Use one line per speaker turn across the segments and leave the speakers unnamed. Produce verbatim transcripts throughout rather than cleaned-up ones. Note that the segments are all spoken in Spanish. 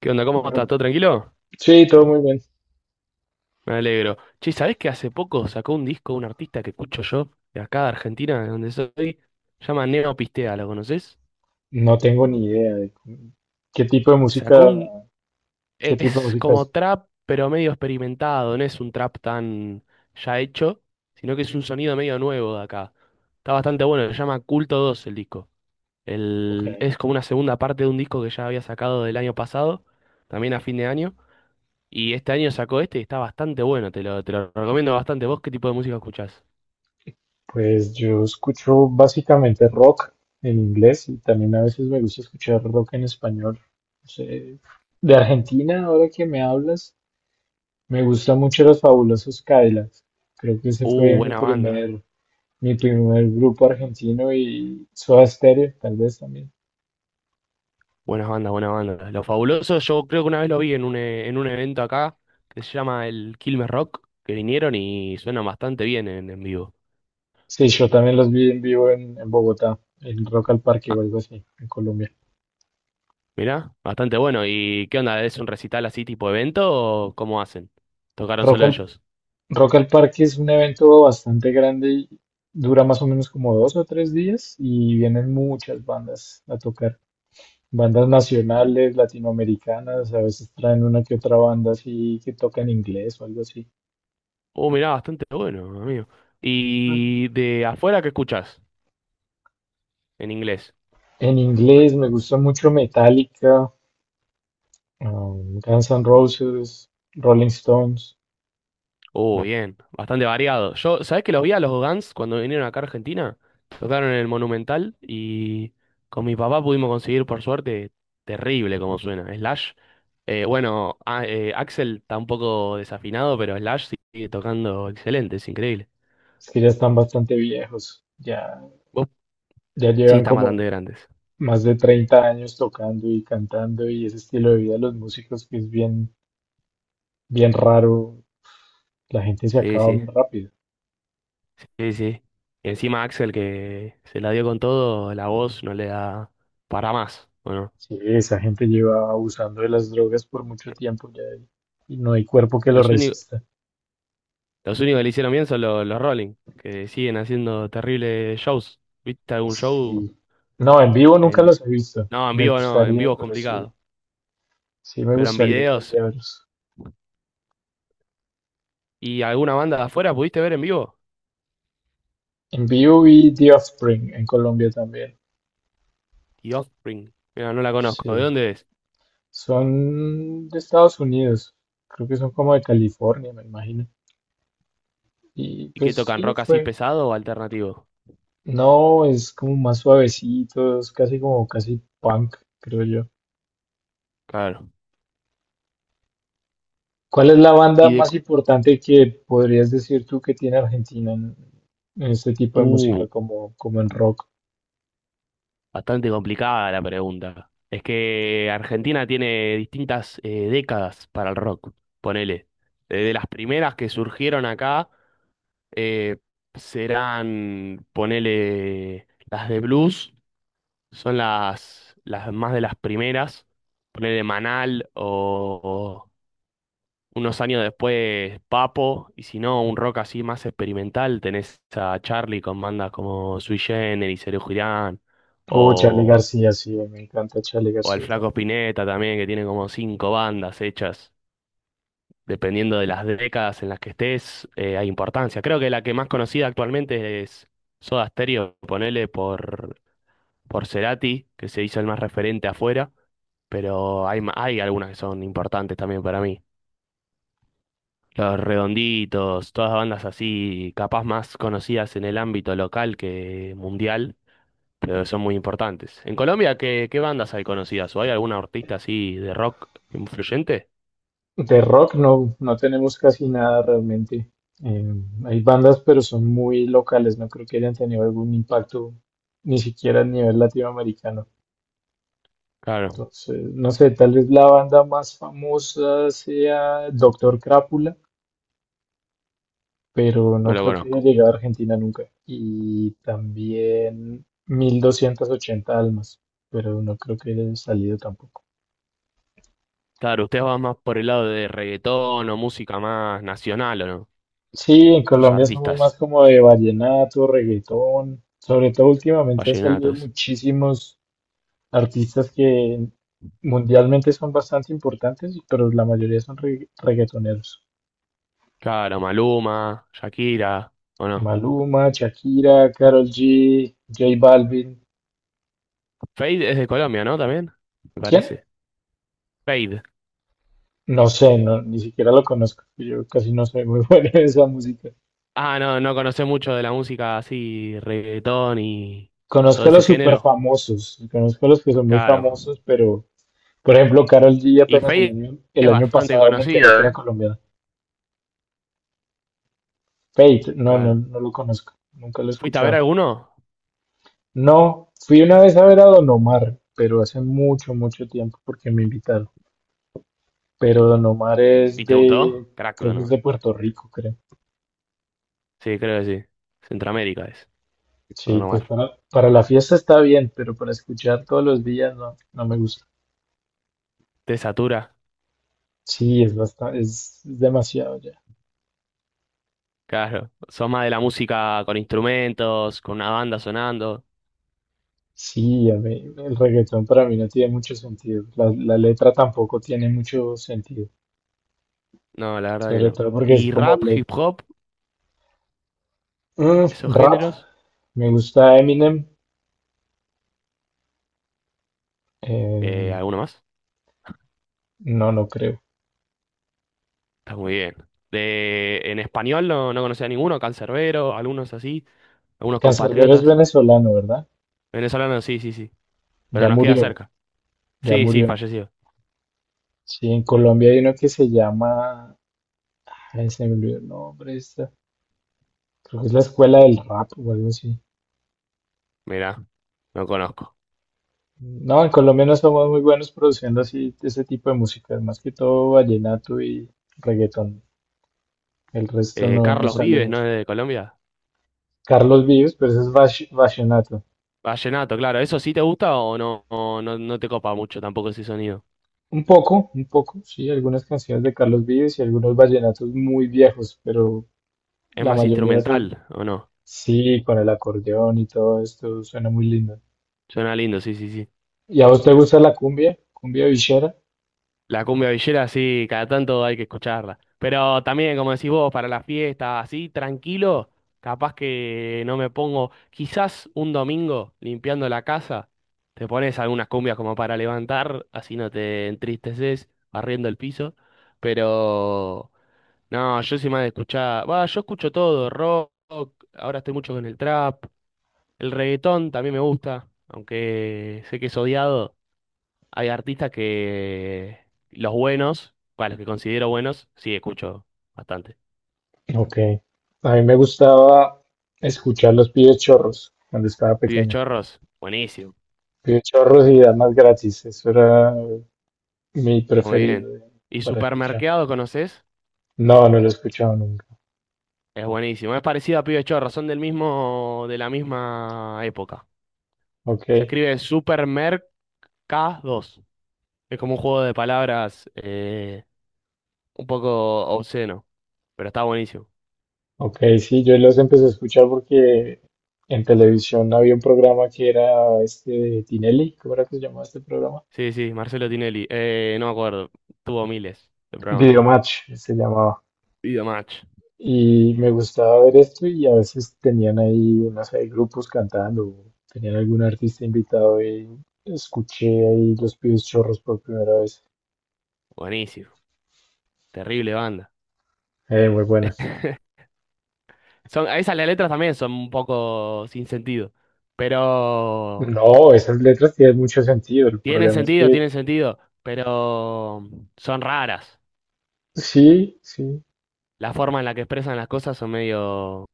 ¿Qué onda? ¿Cómo estás?
Bueno,
¿Todo tranquilo?
sí, todo muy bien.
Me alegro. Che, ¿sabés que hace poco sacó un disco un artista que escucho yo, de acá de Argentina, de donde soy? Se llama Neo Pistea, ¿lo conoces?
No tengo ni idea de cómo- qué tipo de
Sacó
música,
un...
qué tipo de
Es
música
como
es.
trap, pero medio experimentado, no es un trap tan ya hecho, sino que es un sonido medio nuevo de acá. Está bastante bueno, se llama Culto dos el disco. El...
Ok,
Es como una segunda parte de un disco que ya había sacado del año pasado, también a fin de año. Y este año sacó este y está bastante bueno, te lo, te lo recomiendo bastante. ¿Vos qué tipo de música escuchás?
pues yo escucho básicamente rock en inglés y también a veces me gusta escuchar rock en español. No sé, de Argentina, ahora que me hablas, me gustan mucho los Fabulosos Cadillacs. Creo que ese
Uh,
fue mi
buena banda,
primer, mi primer grupo argentino y Soda Stereo, tal vez también.
buenas bandas, buena banda. Lo fabuloso, yo creo que una vez lo vi en un, e- en un evento acá que se llama el Quilmes Rock, que vinieron y suenan bastante bien en, en vivo.
Sí, yo también los vi en vivo en, en Bogotá, en Rock al Parque
Ah,
o algo así, en Colombia.
mirá, bastante bueno. ¿Y qué onda? ¿Es un recital así tipo evento o cómo hacen? ¿Tocaron
Rock
solo
al,
ellos?
Rock al Parque es un evento bastante grande y dura más o menos como dos o tres días y vienen muchas bandas a tocar. Bandas nacionales, latinoamericanas, a veces traen una que otra banda así que toca en inglés o algo así.
Uh, mirá, bastante bueno, amigo.
Mm.
¿Y de afuera qué escuchás en inglés?
En inglés me gusta mucho Metallica, um, Guns N' Roses, Rolling Stones,
Uh, bien, bastante variado. Yo, ¿sabés que los vi a los Guns cuando vinieron acá a Argentina? Tocaron en el Monumental y con mi papá pudimos conseguir, por suerte, terrible como suena. Slash, eh, bueno, a- eh, Axel está un poco desafinado, pero Slash sigue tocando excelente, es increíble.
es que ya están bastante viejos, ya,
¿Vos?
ya
Sí,
llevan
están
como
bastante grandes.
más de treinta años tocando y cantando y ese estilo de vida de los músicos que es bien, bien raro, la gente se
Sí,
acaba
sí,
muy rápido.
sí, sí. Y encima Axel que se la dio con todo, la voz no le da para más. Bueno,
Sí, esa gente lleva abusando de las drogas por mucho tiempo ya y y no hay cuerpo que lo
los únicos
resista.
Los únicos que le hicieron bien son los, los Rolling, que siguen haciendo terribles shows. ¿Viste algún show?
Sí. No, en vivo
En...
nunca
Yo-
los he visto.
No, en
Me
vivo no, en
gustaría,
vivo es
pero sí,
complicado.
sí me
Pero en
gustaría algún
videos
día verlos.
y alguna banda de afuera, ¿pudiste ver en vivo?
En vivo vi The Offspring en Colombia también.
The Offspring. Mira, no la conozco. ¿De
Sí.
dónde es?
Son de Estados Unidos. Creo que son como de California, me imagino. Y
¿Y qué
pues
tocan?
sí,
¿Rock así
fue.
pesado o alternativo?
No, es como más suavecitos, casi como casi punk, creo yo.
Claro.
¿Cuál es la banda
Y de...
más
co-
importante que podrías decir tú que tiene Argentina en, en este tipo de
Uh,
música, como, como en rock?
bastante complicada la pregunta. Es que Argentina tiene distintas eh, décadas para el rock, ponele. Desde las primeras que surgieron acá eh, serán, ponele, las de blues, son las, las más de las primeras, ponele Manal o, o unos años después Papo, y si no, un rock así más experimental, tenés a Charlie con bandas como Sui Generis, Serú Girán,
O Charly
o,
García, sí, me encanta Charly
o el
García
Flaco
también.
Spinetta también, que tiene como cinco bandas hechas. Dependiendo de las décadas en las que estés, eh, hay importancia. Creo que la que más conocida actualmente es Soda Stereo, ponele por, por Cerati, que se hizo el más referente afuera, pero hay, ma- hay algunas que son importantes también para mí. Los Redonditos, todas bandas así, capaz más conocidas en el ámbito local que mundial, pero son muy importantes. En Colombia, ¿qué, qué bandas hay conocidas? ¿O hay algún artista así de rock influyente?
De rock no, no tenemos casi nada realmente. Eh, hay bandas, pero son muy locales, no creo que hayan tenido algún impacto ni siquiera a nivel latinoamericano.
Claro,
Entonces, no sé, tal vez la banda más famosa sea Doctor Crápula, pero no
no lo
creo que haya
conozco.
llegado a Argentina nunca. Y también mil doscientos ochenta almas, pero no creo que haya salido tampoco.
Claro, usted va más por el lado de reggaetón o música más nacional, ¿o no?
Sí, en
Sus
Colombia somos
artistas,
más como de vallenato, reggaetón. Sobre todo últimamente han salido
vallenatos.
muchísimos artistas que mundialmente son bastante importantes, pero la mayoría son regga- reggaetoneros.
Claro, Maluma, Shakira, ¿o no?
Maluma, Shakira, Karol G, J Balvin.
Fade es de Colombia, ¿no? También, me
¿Quién?
parece. Fade.
No sé, no, ni siquiera lo conozco. Yo casi no soy muy bueno en esa música.
Ah, no, no conoce mucho de la música así, reggaetón y todo
Conozco a
ese
los super
género.
famosos, conozco a los que son muy
Claro.
famosos, pero por ejemplo, Karol G
Y
apenas el
Fade
año,
es
el año
bastante
pasado me enteré que
conocido,
era
¿eh?
colombiana. Fate, no, no,
Claro.
no lo conozco, nunca lo he
¿Fuiste a ver
escuchado.
alguno?
No, fui una vez a ver a Don Omar, pero hace mucho, mucho tiempo porque me invitaron. Pero Don Omar es
¿Y te
de,
gustó? Crack,
creo
Don
que es de
Omar.
Puerto Rico, creo.
Sí, creo que sí. Centroamérica es, Don
Sí, pues
Omar.
para, para la fiesta está bien, pero para escuchar todos los días no, no me gusta.
¿Te satura?
Sí, es bastante, es es demasiado ya.
Claro, sos más de la música con instrumentos, con una banda sonando.
Sí, a mí, el reggaetón para mí no tiene mucho sentido. La, la letra tampoco tiene mucho sentido.
No, la verdad que
Sobre
no.
todo porque es
¿Y
como
rap,
le
hip hop,
mm,
esos
rap.
géneros?
Me gusta Eminem.
Eh,
eh,
¿alguno más?
no, no creo.
Está muy bien. De, en español no, no conocía a ninguno, Cancerbero, algunos así, algunos
Canserbero es
compatriotas.
venezolano, ¿verdad?
Venezolanos, sí, sí, sí. Pero
Ya
nos queda
murió,
cerca.
ya
Sí, sí,
murió.
fallecido.
Sí, en Colombia hay uno que se llama. Ay, se me olvidó el nombre. esta- Creo que es la escuela del rap o algo así.
Mirá, no conozco.
No, en Colombia no somos muy buenos produciendo así ese tipo de música, más que todo vallenato y reggaetón. El resto
Eh,
no, no
Carlos
sale
Vives, ¿no?
mucho.
De Colombia.
Carlos Vives, pero eso es vash- vallenato.
Vallenato, claro. ¿Eso sí te gusta o no, o no, no te copa mucho tampoco ese sonido?
Un poco, un poco, sí, algunas canciones de Carlos Vives y algunos vallenatos muy viejos, pero
Es
la
más
mayoría de esos
instrumental, ¿o no?
sí, con el acordeón y todo esto, suena muy lindo.
Suena lindo, sí, sí, sí.
¿Y a vos te gusta la cumbia? ¿Cumbia villera?
La cumbia villera, sí, cada tanto hay que escucharla. Pero también, como decís vos, para la fiesta, así, tranquilo, capaz que no me pongo, quizás un domingo limpiando la casa, te pones algunas cumbias como para levantar, así no te entristeces, barriendo el piso. Pero, no, yo soy más de escuchar, va, yo escucho todo, rock, ahora estoy mucho con el trap, el reggaetón también me gusta, aunque sé que es odiado. Hay artistas que los buenos, bueno, los que considero buenos, sí escucho bastante.
Ok. A mí me gustaba escuchar los Pibes Chorros cuando estaba
Pibes
pequeño.
Chorros, buenísimo,
Pide Chorros y Damas Gratis. Eso era mi
está muy
preferido
bien.
de-
Y
para escuchar.
Supermercado, ¿conoces?
No, no lo he escuchado nunca.
Es buenísimo, es parecido a Pibes Chorros, son del mismo, de la misma época.
Ok,
Se escribe Supermercados. Es como un juego de palabras eh, un poco obsceno, pero está buenísimo.
ok, sí, yo los empecé a escuchar porque en televisión había un programa que era este de Tinelli. ¿Cómo era que se llamaba este programa?
Sí, sí, Marcelo Tinelli, eh, no me acuerdo, tuvo miles de programas.
Videomatch se llamaba.
Video Match,
Y me gustaba ver esto y a veces tenían ahí, no sé, grupos cantando, o tenían algún artista invitado y escuché ahí los Pibes Chorros por primera vez.
buenísimo, terrible banda.
Eh, muy buena.
Son, a veces las letras también son un poco sin sentido, pero
No, esas letras tienen mucho sentido. El
tienen
problema es
sentido,
que
tienen sentido, pero son raras.
sí, sí,
La forma en la que expresan las cosas son medio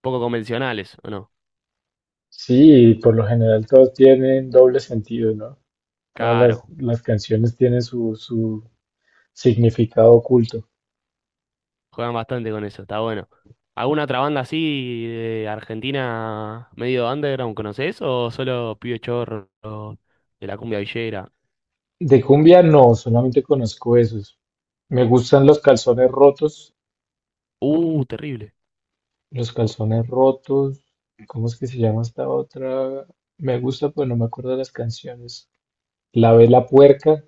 poco convencionales, ¿o no?
sí, por lo general todas tienen doble sentido, ¿no? Todas las,
Claro,
las canciones tienen su, su significado oculto.
juegan bastante con eso, está bueno. ¿Alguna otra banda así de Argentina medio underground conocés o solo Pío Chorro de la cumbia villera?
De cumbia no, solamente conozco esos. Me gustan los Calzones Rotos,
Uh, terrible.
los Calzones Rotos, ¿cómo es que se llama esta otra? Me gusta, pero no me acuerdo de las canciones. La Vela Puerca.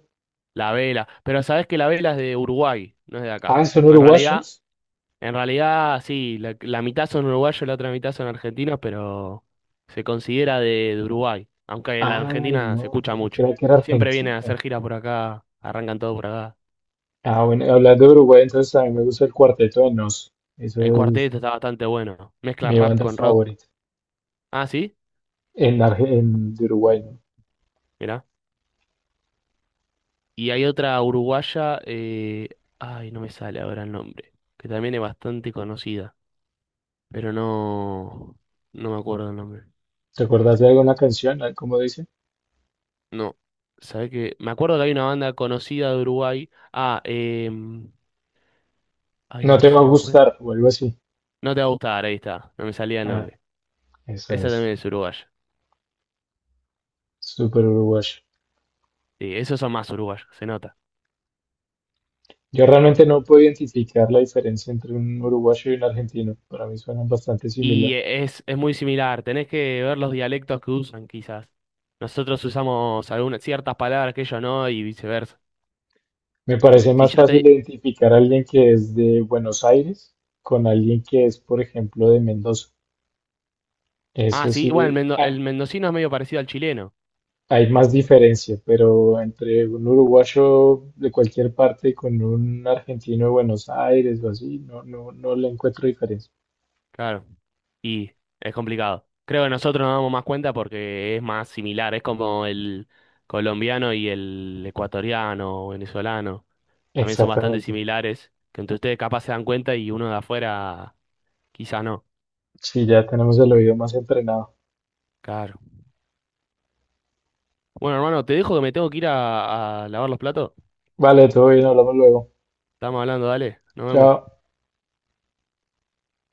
La Vela, pero sabés que La Vela es de Uruguay, no es de acá.
Ah, son
En realidad
uruguayos.
En realidad, sí, la, la mitad son uruguayos, la otra mitad son argentinos, pero se considera de, de Uruguay, aunque la
Ay,
Argentina se
no,
escucha
yo
mucho.
creía que era
Siempre vienen a
argentino.
hacer giras por acá, arrancan todo por acá.
Ah, bueno, hablando de Uruguay, entonces a mí me gusta el Cuarteto de Nos. Eso
El
es
cuarteto está bastante bueno, mezcla
mi
rap
banda
con rock.
favorita
Ah, sí,
en, Arge- en de Uruguay, ¿no?
mirá. Y hay otra uruguaya, eh, ay, no me sale ahora el nombre, que también es bastante conocida, pero no, no me acuerdo el nombre.
¿Te acuerdas de alguna canción? Ah, ¿cómo dice?
No, ¿sabés qué? Me acuerdo que hay una banda conocida de Uruguay. Ah, eh... Ay, a
No
ver
te
si
va
la
a gustar
encuentro.
o algo así.
No te va a gustar, ahí está. No me salía el
Ah,
nombre.
esa
Esa
es.
también es uruguaya.
Súper uruguayo.
Sí, esos son más uruguayos, se nota.
Yo realmente no puedo identificar la diferencia entre un uruguayo y un argentino. Para mí suenan bastante
Y
similar.
es, es muy similar. Tenés que ver los dialectos que usan, quizás. Nosotros usamos algunas ciertas palabras que ellos no y viceversa.
Me parece
Si
más
ya
fácil
te...
identificar a alguien que es de Buenos Aires con alguien que es, por ejemplo, de Mendoza.
Ah,
Eso
sí. Bueno, el,
sí,
mendo-
ah,
el mendocino es medio parecido al chileno.
hay más diferencia, pero entre un uruguayo de cualquier parte con un argentino de Buenos Aires o así, no, no, no le encuentro diferencia.
Claro. Y es complicado. Creo que nosotros nos damos más cuenta porque es más similar, es como el colombiano y el ecuatoriano o venezolano. También son bastante
Exactamente.
similares, que entre ustedes capaz se dan cuenta y uno de afuera quizás no.
Sí, ya tenemos el oído más entrenado.
Claro. Bueno, hermano, te dejo que me tengo que ir a, a lavar los platos.
Vale, todo bien, hablamos luego.
Estamos hablando, dale. Nos vemos.
Chao.